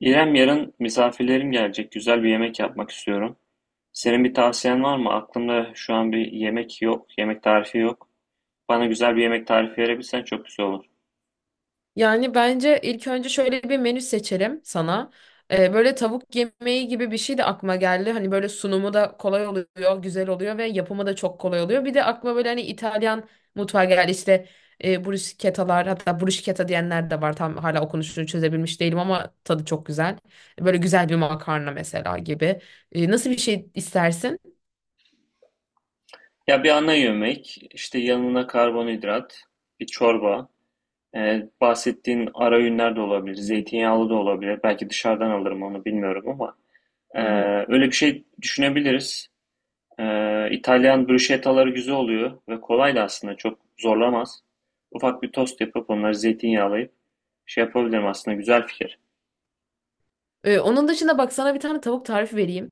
İrem, yarın misafirlerim gelecek. Güzel bir yemek yapmak istiyorum. Senin bir tavsiyen var mı? Aklımda şu an bir yemek yok, yemek tarifi yok. Bana güzel bir yemek tarifi verebilsen çok güzel olur. Yani bence ilk önce şöyle bir menü seçelim sana. Böyle tavuk yemeği gibi bir şey de aklıma geldi. Hani böyle sunumu da kolay oluyor, güzel oluyor ve yapımı da çok kolay oluyor. Bir de aklıma böyle hani İtalyan mutfağı geldi. İşte bruschettalar hatta bruschetta diyenler de var. Tam hala okunuşunu çözebilmiş değilim ama tadı çok güzel. Böyle güzel bir makarna mesela gibi. Nasıl bir şey istersin? Ya bir ana yemek, işte yanına karbonhidrat, bir çorba, bahsettiğin ara öğünler de olabilir, zeytinyağlı da olabilir. Belki dışarıdan alırım onu bilmiyorum ama e, Hı hı. öyle bir şey düşünebiliriz. İtalyan bruschettaları güzel oluyor ve kolay da aslında çok zorlamaz. Ufak bir tost yapıp onları zeytinyağlayıp şey yapabilirim aslında güzel fikir. Onun dışında bak sana bir tane tavuk tarifi vereyim.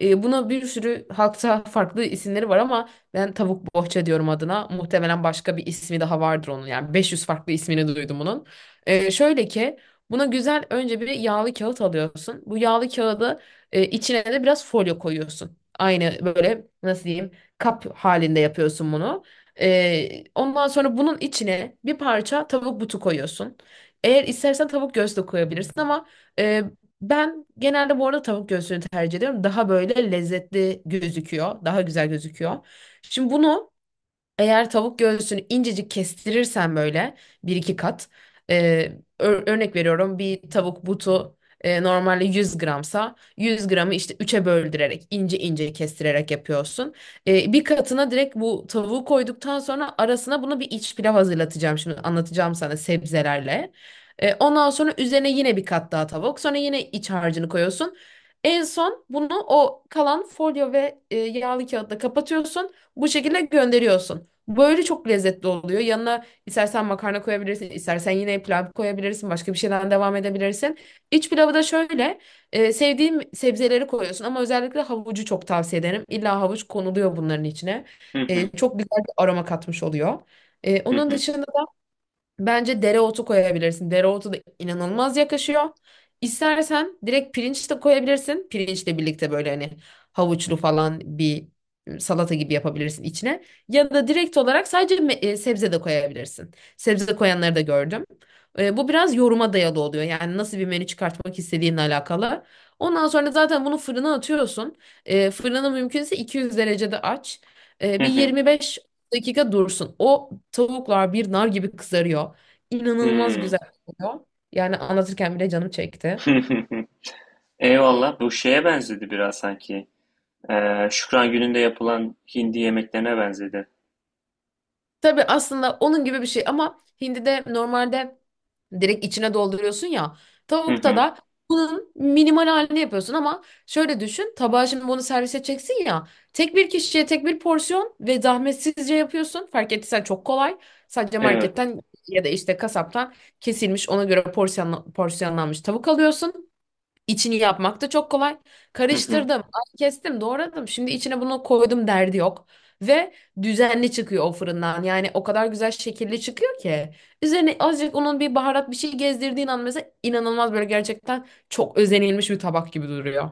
Buna bir sürü halkta farklı isimleri var ama ben tavuk bohça diyorum adına. Muhtemelen başka bir ismi daha vardır onun. Yani 500 farklı ismini duydum onun. Şöyle ki buna güzel önce bir yağlı kağıt alıyorsun. Bu yağlı kağıdı içine de biraz folyo koyuyorsun. Aynı böyle nasıl diyeyim kap halinde yapıyorsun bunu. Ondan sonra bunun içine bir parça tavuk butu koyuyorsun. Eğer istersen tavuk göğsü de koyabilirsin ama ben genelde bu arada tavuk göğsünü tercih ediyorum. Daha böyle lezzetli gözüküyor. Daha güzel gözüküyor. Şimdi bunu eğer tavuk göğsünü incecik kestirirsen böyle bir iki kat e, örnek veriyorum bir tavuk butu normalde 100 gramsa 100 gramı işte üçe böldürerek ince ince kestirerek yapıyorsun. Bir katına direkt bu tavuğu koyduktan sonra arasına bunu bir iç pilav hazırlatacağım şimdi anlatacağım sana sebzelerle. Ondan sonra üzerine yine bir kat daha tavuk sonra yine iç harcını koyuyorsun. En son bunu o kalan folyo ve yağlı kağıtla kapatıyorsun. Bu şekilde gönderiyorsun. Böyle çok lezzetli oluyor. Yanına istersen makarna koyabilirsin, istersen yine pilav koyabilirsin, başka bir şeyden devam edebilirsin. İç pilavı da şöyle, sevdiğim sebzeleri koyuyorsun ama özellikle havucu çok tavsiye ederim. İlla havuç konuluyor bunların içine. Hı hı. Çok güzel bir aroma katmış oluyor. Hı Onun hı. dışında bence dereotu koyabilirsin. Dereotu da inanılmaz yakışıyor. İstersen direkt pirinç de koyabilirsin. Pirinçle birlikte böyle hani havuçlu falan bir salata gibi yapabilirsin içine. Ya da direkt olarak sadece sebze de koyabilirsin. Sebze de koyanları da gördüm. Bu biraz yoruma dayalı oluyor. Yani nasıl bir menü çıkartmak istediğinle alakalı. Ondan sonra zaten bunu fırına atıyorsun. Fırını mümkünse 200 derecede aç. Hı Bir hı. 25 dakika dursun. O tavuklar bir nar gibi kızarıyor. İnanılmaz hı güzel oluyor. Yani anlatırken bile canım çekti. Eyvallah bu şeye benzedi biraz sanki. Şükran gününde yapılan hindi yemeklerine benzedi. Tabii aslında onun gibi bir şey ama hindi de normalde direkt içine dolduruyorsun ya. Hı Tavukta hı. da bunun minimal halini yapıyorsun ama şöyle düşün. Tabağa şimdi bunu servis edeceksin ya. Tek bir kişiye tek bir porsiyon ve zahmetsizce yapıyorsun. Fark ettiysen çok kolay. Sadece Evet. marketten ya da işte kasaptan kesilmiş ona göre porsiyonlanmış tavuk alıyorsun. İçini yapmak da çok kolay. Hı hı. Karıştırdım, ay kestim, doğradım. Şimdi içine bunu koydum derdi yok. Ve düzenli çıkıyor o fırından. Yani o kadar güzel şekilli çıkıyor ki. Üzerine azıcık onun bir baharat bir şey gezdirdiğin an mesela inanılmaz böyle gerçekten çok özenilmiş bir tabak gibi duruyor.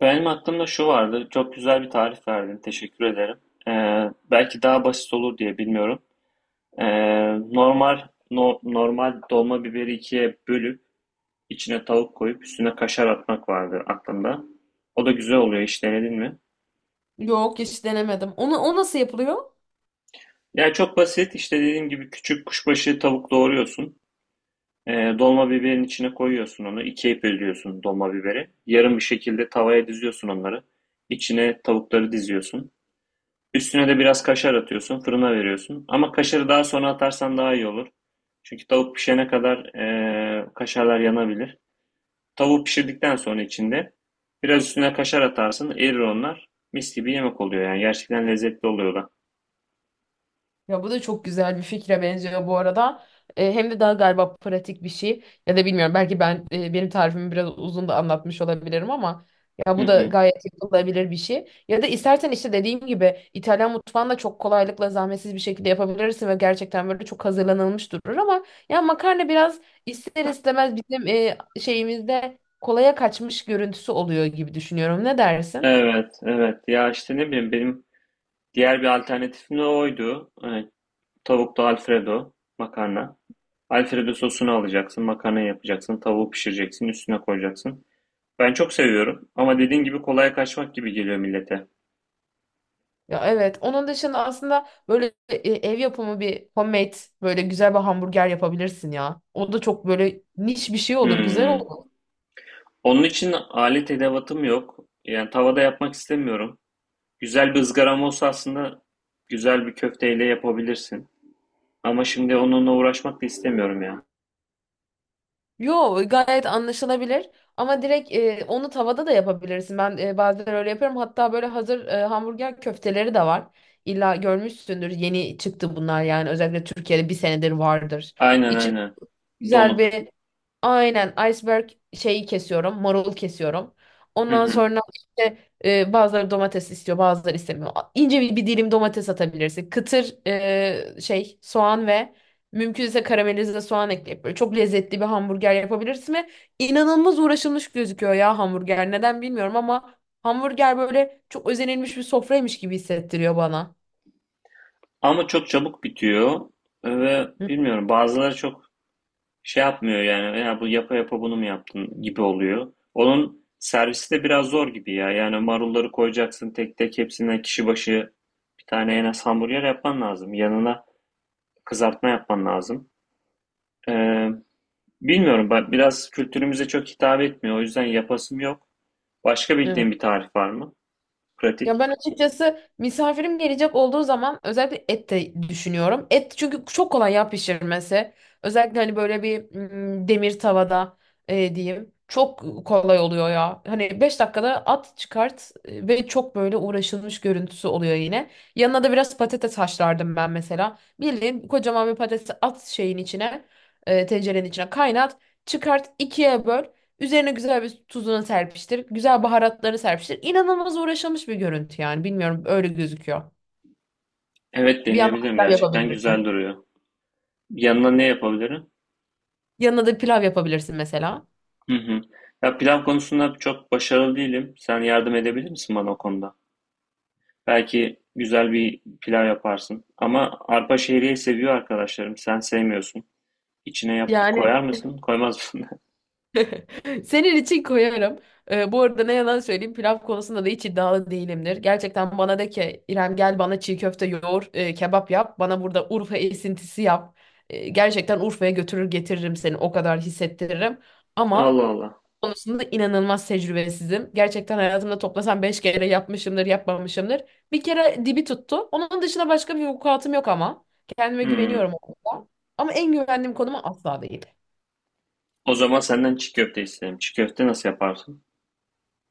Benim aklımda şu vardı. Çok güzel bir tarif verdin. Teşekkür ederim. Belki daha basit olur diye bilmiyorum. Ee, normal normal dolma biberi ikiye bölüp içine tavuk koyup üstüne kaşar atmak vardı aklımda. O da güzel oluyor, hiç denedin mi? Yok hiç denemedim. Onu, o nasıl yapılıyor? Yani çok basit, işte dediğim gibi küçük kuşbaşı tavuk doğruyorsun. Dolma biberin içine koyuyorsun onu. İkiye bölüyorsun dolma biberi. Yarım bir şekilde tavaya diziyorsun onları. İçine tavukları diziyorsun. Üstüne de biraz kaşar atıyorsun. Fırına veriyorsun. Ama kaşarı daha sonra atarsan daha iyi olur. Çünkü tavuk pişene kadar kaşarlar yanabilir. Tavuğu pişirdikten sonra içinde biraz üstüne kaşar atarsın, erir onlar. Mis gibi yemek oluyor yani, gerçekten lezzetli oluyor da. Ya bu da çok güzel bir fikre benziyor bu arada. Hem de daha galiba pratik bir şey. Ya da bilmiyorum belki ben benim tarifimi biraz uzun da anlatmış olabilirim ama ya Hı bu da hı. gayet yapılabilir bir şey. Ya da istersen işte dediğim gibi İtalyan mutfağında çok kolaylıkla zahmetsiz bir şekilde yapabilirsin ve gerçekten böyle çok hazırlanılmış durur ama ya makarna biraz ister istemez bizim şeyimizde kolaya kaçmış görüntüsü oluyor gibi düşünüyorum. Ne dersin? Evet, evet. Ya işte ne bileyim, benim diğer bir alternatifim de oydu. Evet, tavuklu Alfredo makarna. Alfredo sosunu alacaksın, makarna yapacaksın, tavuğu pişireceksin, üstüne koyacaksın. Ben çok seviyorum ama dediğin gibi kolaya kaçmak gibi geliyor millete. Ya evet. Onun dışında aslında böyle ev yapımı bir homemade böyle güzel bir hamburger yapabilirsin ya. O da çok böyle niş bir şey olur, güzel Hmm. olur. Onun için alet edevatım yok. Yani tavada yapmak istemiyorum. Güzel bir ızgaram olsa aslında güzel bir köfteyle yapabilirsin. Ama şimdi onunla uğraşmak da istemiyorum ya. Yo gayet anlaşılabilir. Ama direkt onu tavada da yapabilirsin. Ben bazen öyle yapıyorum. Hatta böyle hazır hamburger köfteleri de var. İlla görmüşsündür. Yeni çıktı bunlar yani. Özellikle Türkiye'de bir senedir vardır. Aynen İçine aynen. güzel Donuk. bir. Aynen, iceberg şeyi kesiyorum, marul kesiyorum. Hı Ondan hı. sonra işte bazıları domates istiyor, bazıları istemiyor. İnce bir dilim domates atabilirsin. Kıtır şey soğan ve mümkünse karamelize soğan ekleyip böyle çok lezzetli bir hamburger yapabilirsin ve inanılmaz uğraşılmış gözüküyor ya hamburger. Neden bilmiyorum ama hamburger böyle çok özenilmiş bir sofraymış gibi hissettiriyor bana. Ama çok çabuk bitiyor ve Hı, bilmiyorum, bazıları çok şey yapmıyor yani, ya bu yapa yapa bunu mu yaptın gibi oluyor. Onun servisi de biraz zor gibi ya. Yani marulları koyacaksın tek tek, hepsinden kişi başı bir tane en az hamburger yapman lazım. Yanına kızartma yapman lazım. Ee, Bilmiyorum, ben biraz, kültürümüze çok hitap etmiyor. O yüzden yapasım yok. Başka evet. bildiğin bir tarif var mı? Ya Pratik. ben açıkçası misafirim gelecek olduğu zaman özellikle et de düşünüyorum. Et çünkü çok kolay ya pişirmesi. Özellikle hani böyle bir demir tavada diyeyim. Çok kolay oluyor ya. Hani 5 dakikada at çıkart ve çok böyle uğraşılmış görüntüsü oluyor yine. Yanına da biraz patates haşlardım ben mesela. Bildiğin kocaman bir patatesi at şeyin içine, tencerenin içine kaynat, çıkart, ikiye böl. Üzerine güzel bir tuzunu serpiştir. Güzel baharatları serpiştir. İnanılmaz uğraşılmış bir görüntü yani. Bilmiyorum öyle gözüküyor. Evet, Bir yandan deneyebilirim. pilav Gerçekten güzel yapabilirsin. duruyor. Yanına ne yapabilirim? Yanına da pilav yapabilirsin mesela. Hı hı. Ya pilav konusunda çok başarılı değilim. Sen yardım edebilir misin bana o konuda? Belki güzel bir pilav yaparsın. Ama arpa şehriye seviyor arkadaşlarım. Sen sevmiyorsun. İçine yap, Yani koyar mısın? Koymaz mısın? senin için koyarım. Bu arada ne yalan söyleyeyim pilav konusunda da hiç iddialı değilimdir. Gerçekten bana de ki İrem gel bana çiğ köfte yoğur, kebap yap. Bana burada Urfa esintisi yap. Gerçekten Urfa'ya götürür getiririm seni o kadar hissettiririm. Ama Allah Allah. konusunda inanılmaz tecrübesizim. Gerçekten hayatımda toplasam 5 kere yapmışımdır yapmamışımdır. Bir kere dibi tuttu. Onun dışında başka bir vukuatım yok ama. Kendime Hmm. güveniyorum o konuda. Ama en güvendiğim konuma asla değil. O zaman senden çiğ köfte isterim. Çiğ köfte nasıl yaparsın?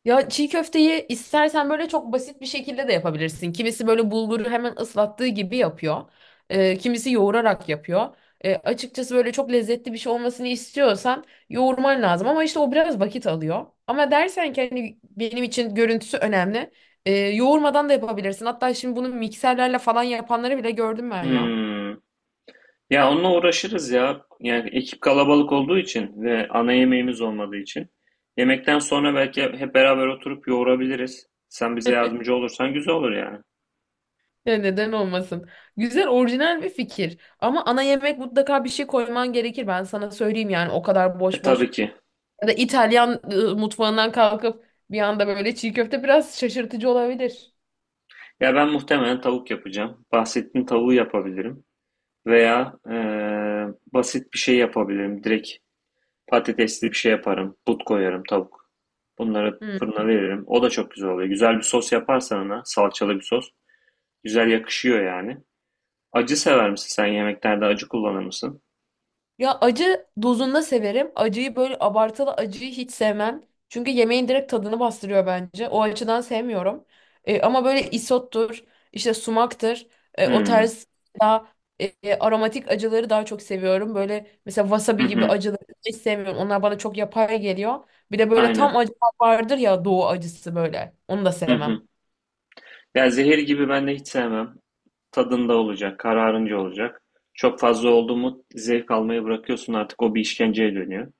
Ya çiğ köfteyi istersen böyle çok basit bir şekilde de yapabilirsin. Kimisi böyle bulguru hemen ıslattığı gibi yapıyor. Kimisi yoğurarak yapıyor. Açıkçası böyle çok lezzetli bir şey olmasını istiyorsan yoğurman lazım. Ama işte o biraz vakit alıyor. Ama dersen ki hani benim için görüntüsü önemli. Yoğurmadan da yapabilirsin. Hatta şimdi bunu mikserlerle falan yapanları bile gördüm ben ya. Hmm. Ya onunla uğraşırız ya. Yani ekip kalabalık olduğu için ve ana yemeğimiz olmadığı için. Yemekten sonra belki hep beraber oturup yoğurabiliriz. Sen bize yardımcı olursan güzel olur yani. Ya neden olmasın? Güzel, orijinal bir fikir. Ama ana yemek mutlaka bir şey koyman gerekir. Ben sana söyleyeyim yani o kadar E boş boş tabii ki. ya da İtalyan mutfağından kalkıp bir anda böyle çiğ köfte biraz şaşırtıcı olabilir. Ya ben muhtemelen tavuk yapacağım. Bahsettiğin tavuğu yapabilirim. Veya basit bir şey yapabilirim. Direkt patatesli bir şey yaparım. But koyarım tavuk. Bunları Hmm. fırına veririm. O da çok güzel oluyor. Güzel bir sos yaparsan ona, salçalı bir sos. Güzel yakışıyor yani. Acı sever misin, sen yemeklerde acı kullanır mısın? Ya acı dozunda severim. Acıyı böyle abartılı acıyı hiç sevmem. Çünkü yemeğin direkt tadını bastırıyor bence. O açıdan sevmiyorum. Ama böyle isottur, işte sumaktır. O Hımm. tarz daha aromatik acıları daha çok seviyorum. Böyle mesela Hı wasabi gibi hı. acıları hiç sevmiyorum. Onlar bana çok yapay geliyor. Bir de böyle Aynen. tam acı vardır ya doğu acısı böyle. Onu da Hı hı. sevmem. Ya zehir gibi ben de hiç sevmem. Tadında olacak, kararınca olacak. Çok fazla oldu mu zevk almayı bırakıyorsun, artık o bir işkenceye dönüyor.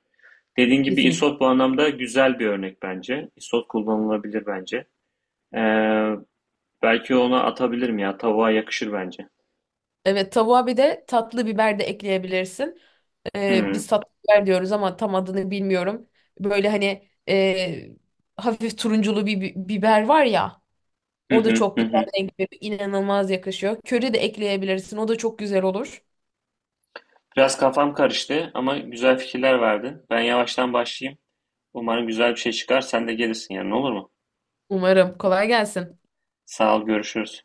Dediğin gibi Kesinlikle. isot bu anlamda güzel bir örnek bence. Isot kullanılabilir bence. Ee, belki ona atabilirim ya. Tavuğa yakışır bence. Evet tavuğa bir de tatlı biber de ekleyebilirsin. Hı. Biz tatlı biber diyoruz ama tam adını bilmiyorum. Böyle hani hafif turunculu bir biber var ya. Hı O da hı. çok Hı güzel hı. renk veriyor. İnanılmaz yakışıyor. Köri de ekleyebilirsin. O da çok güzel olur. Biraz kafam karıştı ama güzel fikirler verdin. Ben yavaştan başlayayım. Umarım güzel bir şey çıkar. Sen de gelirsin yani, olur mu? Umarım. Kolay gelsin. Sağ ol, görüşürüz.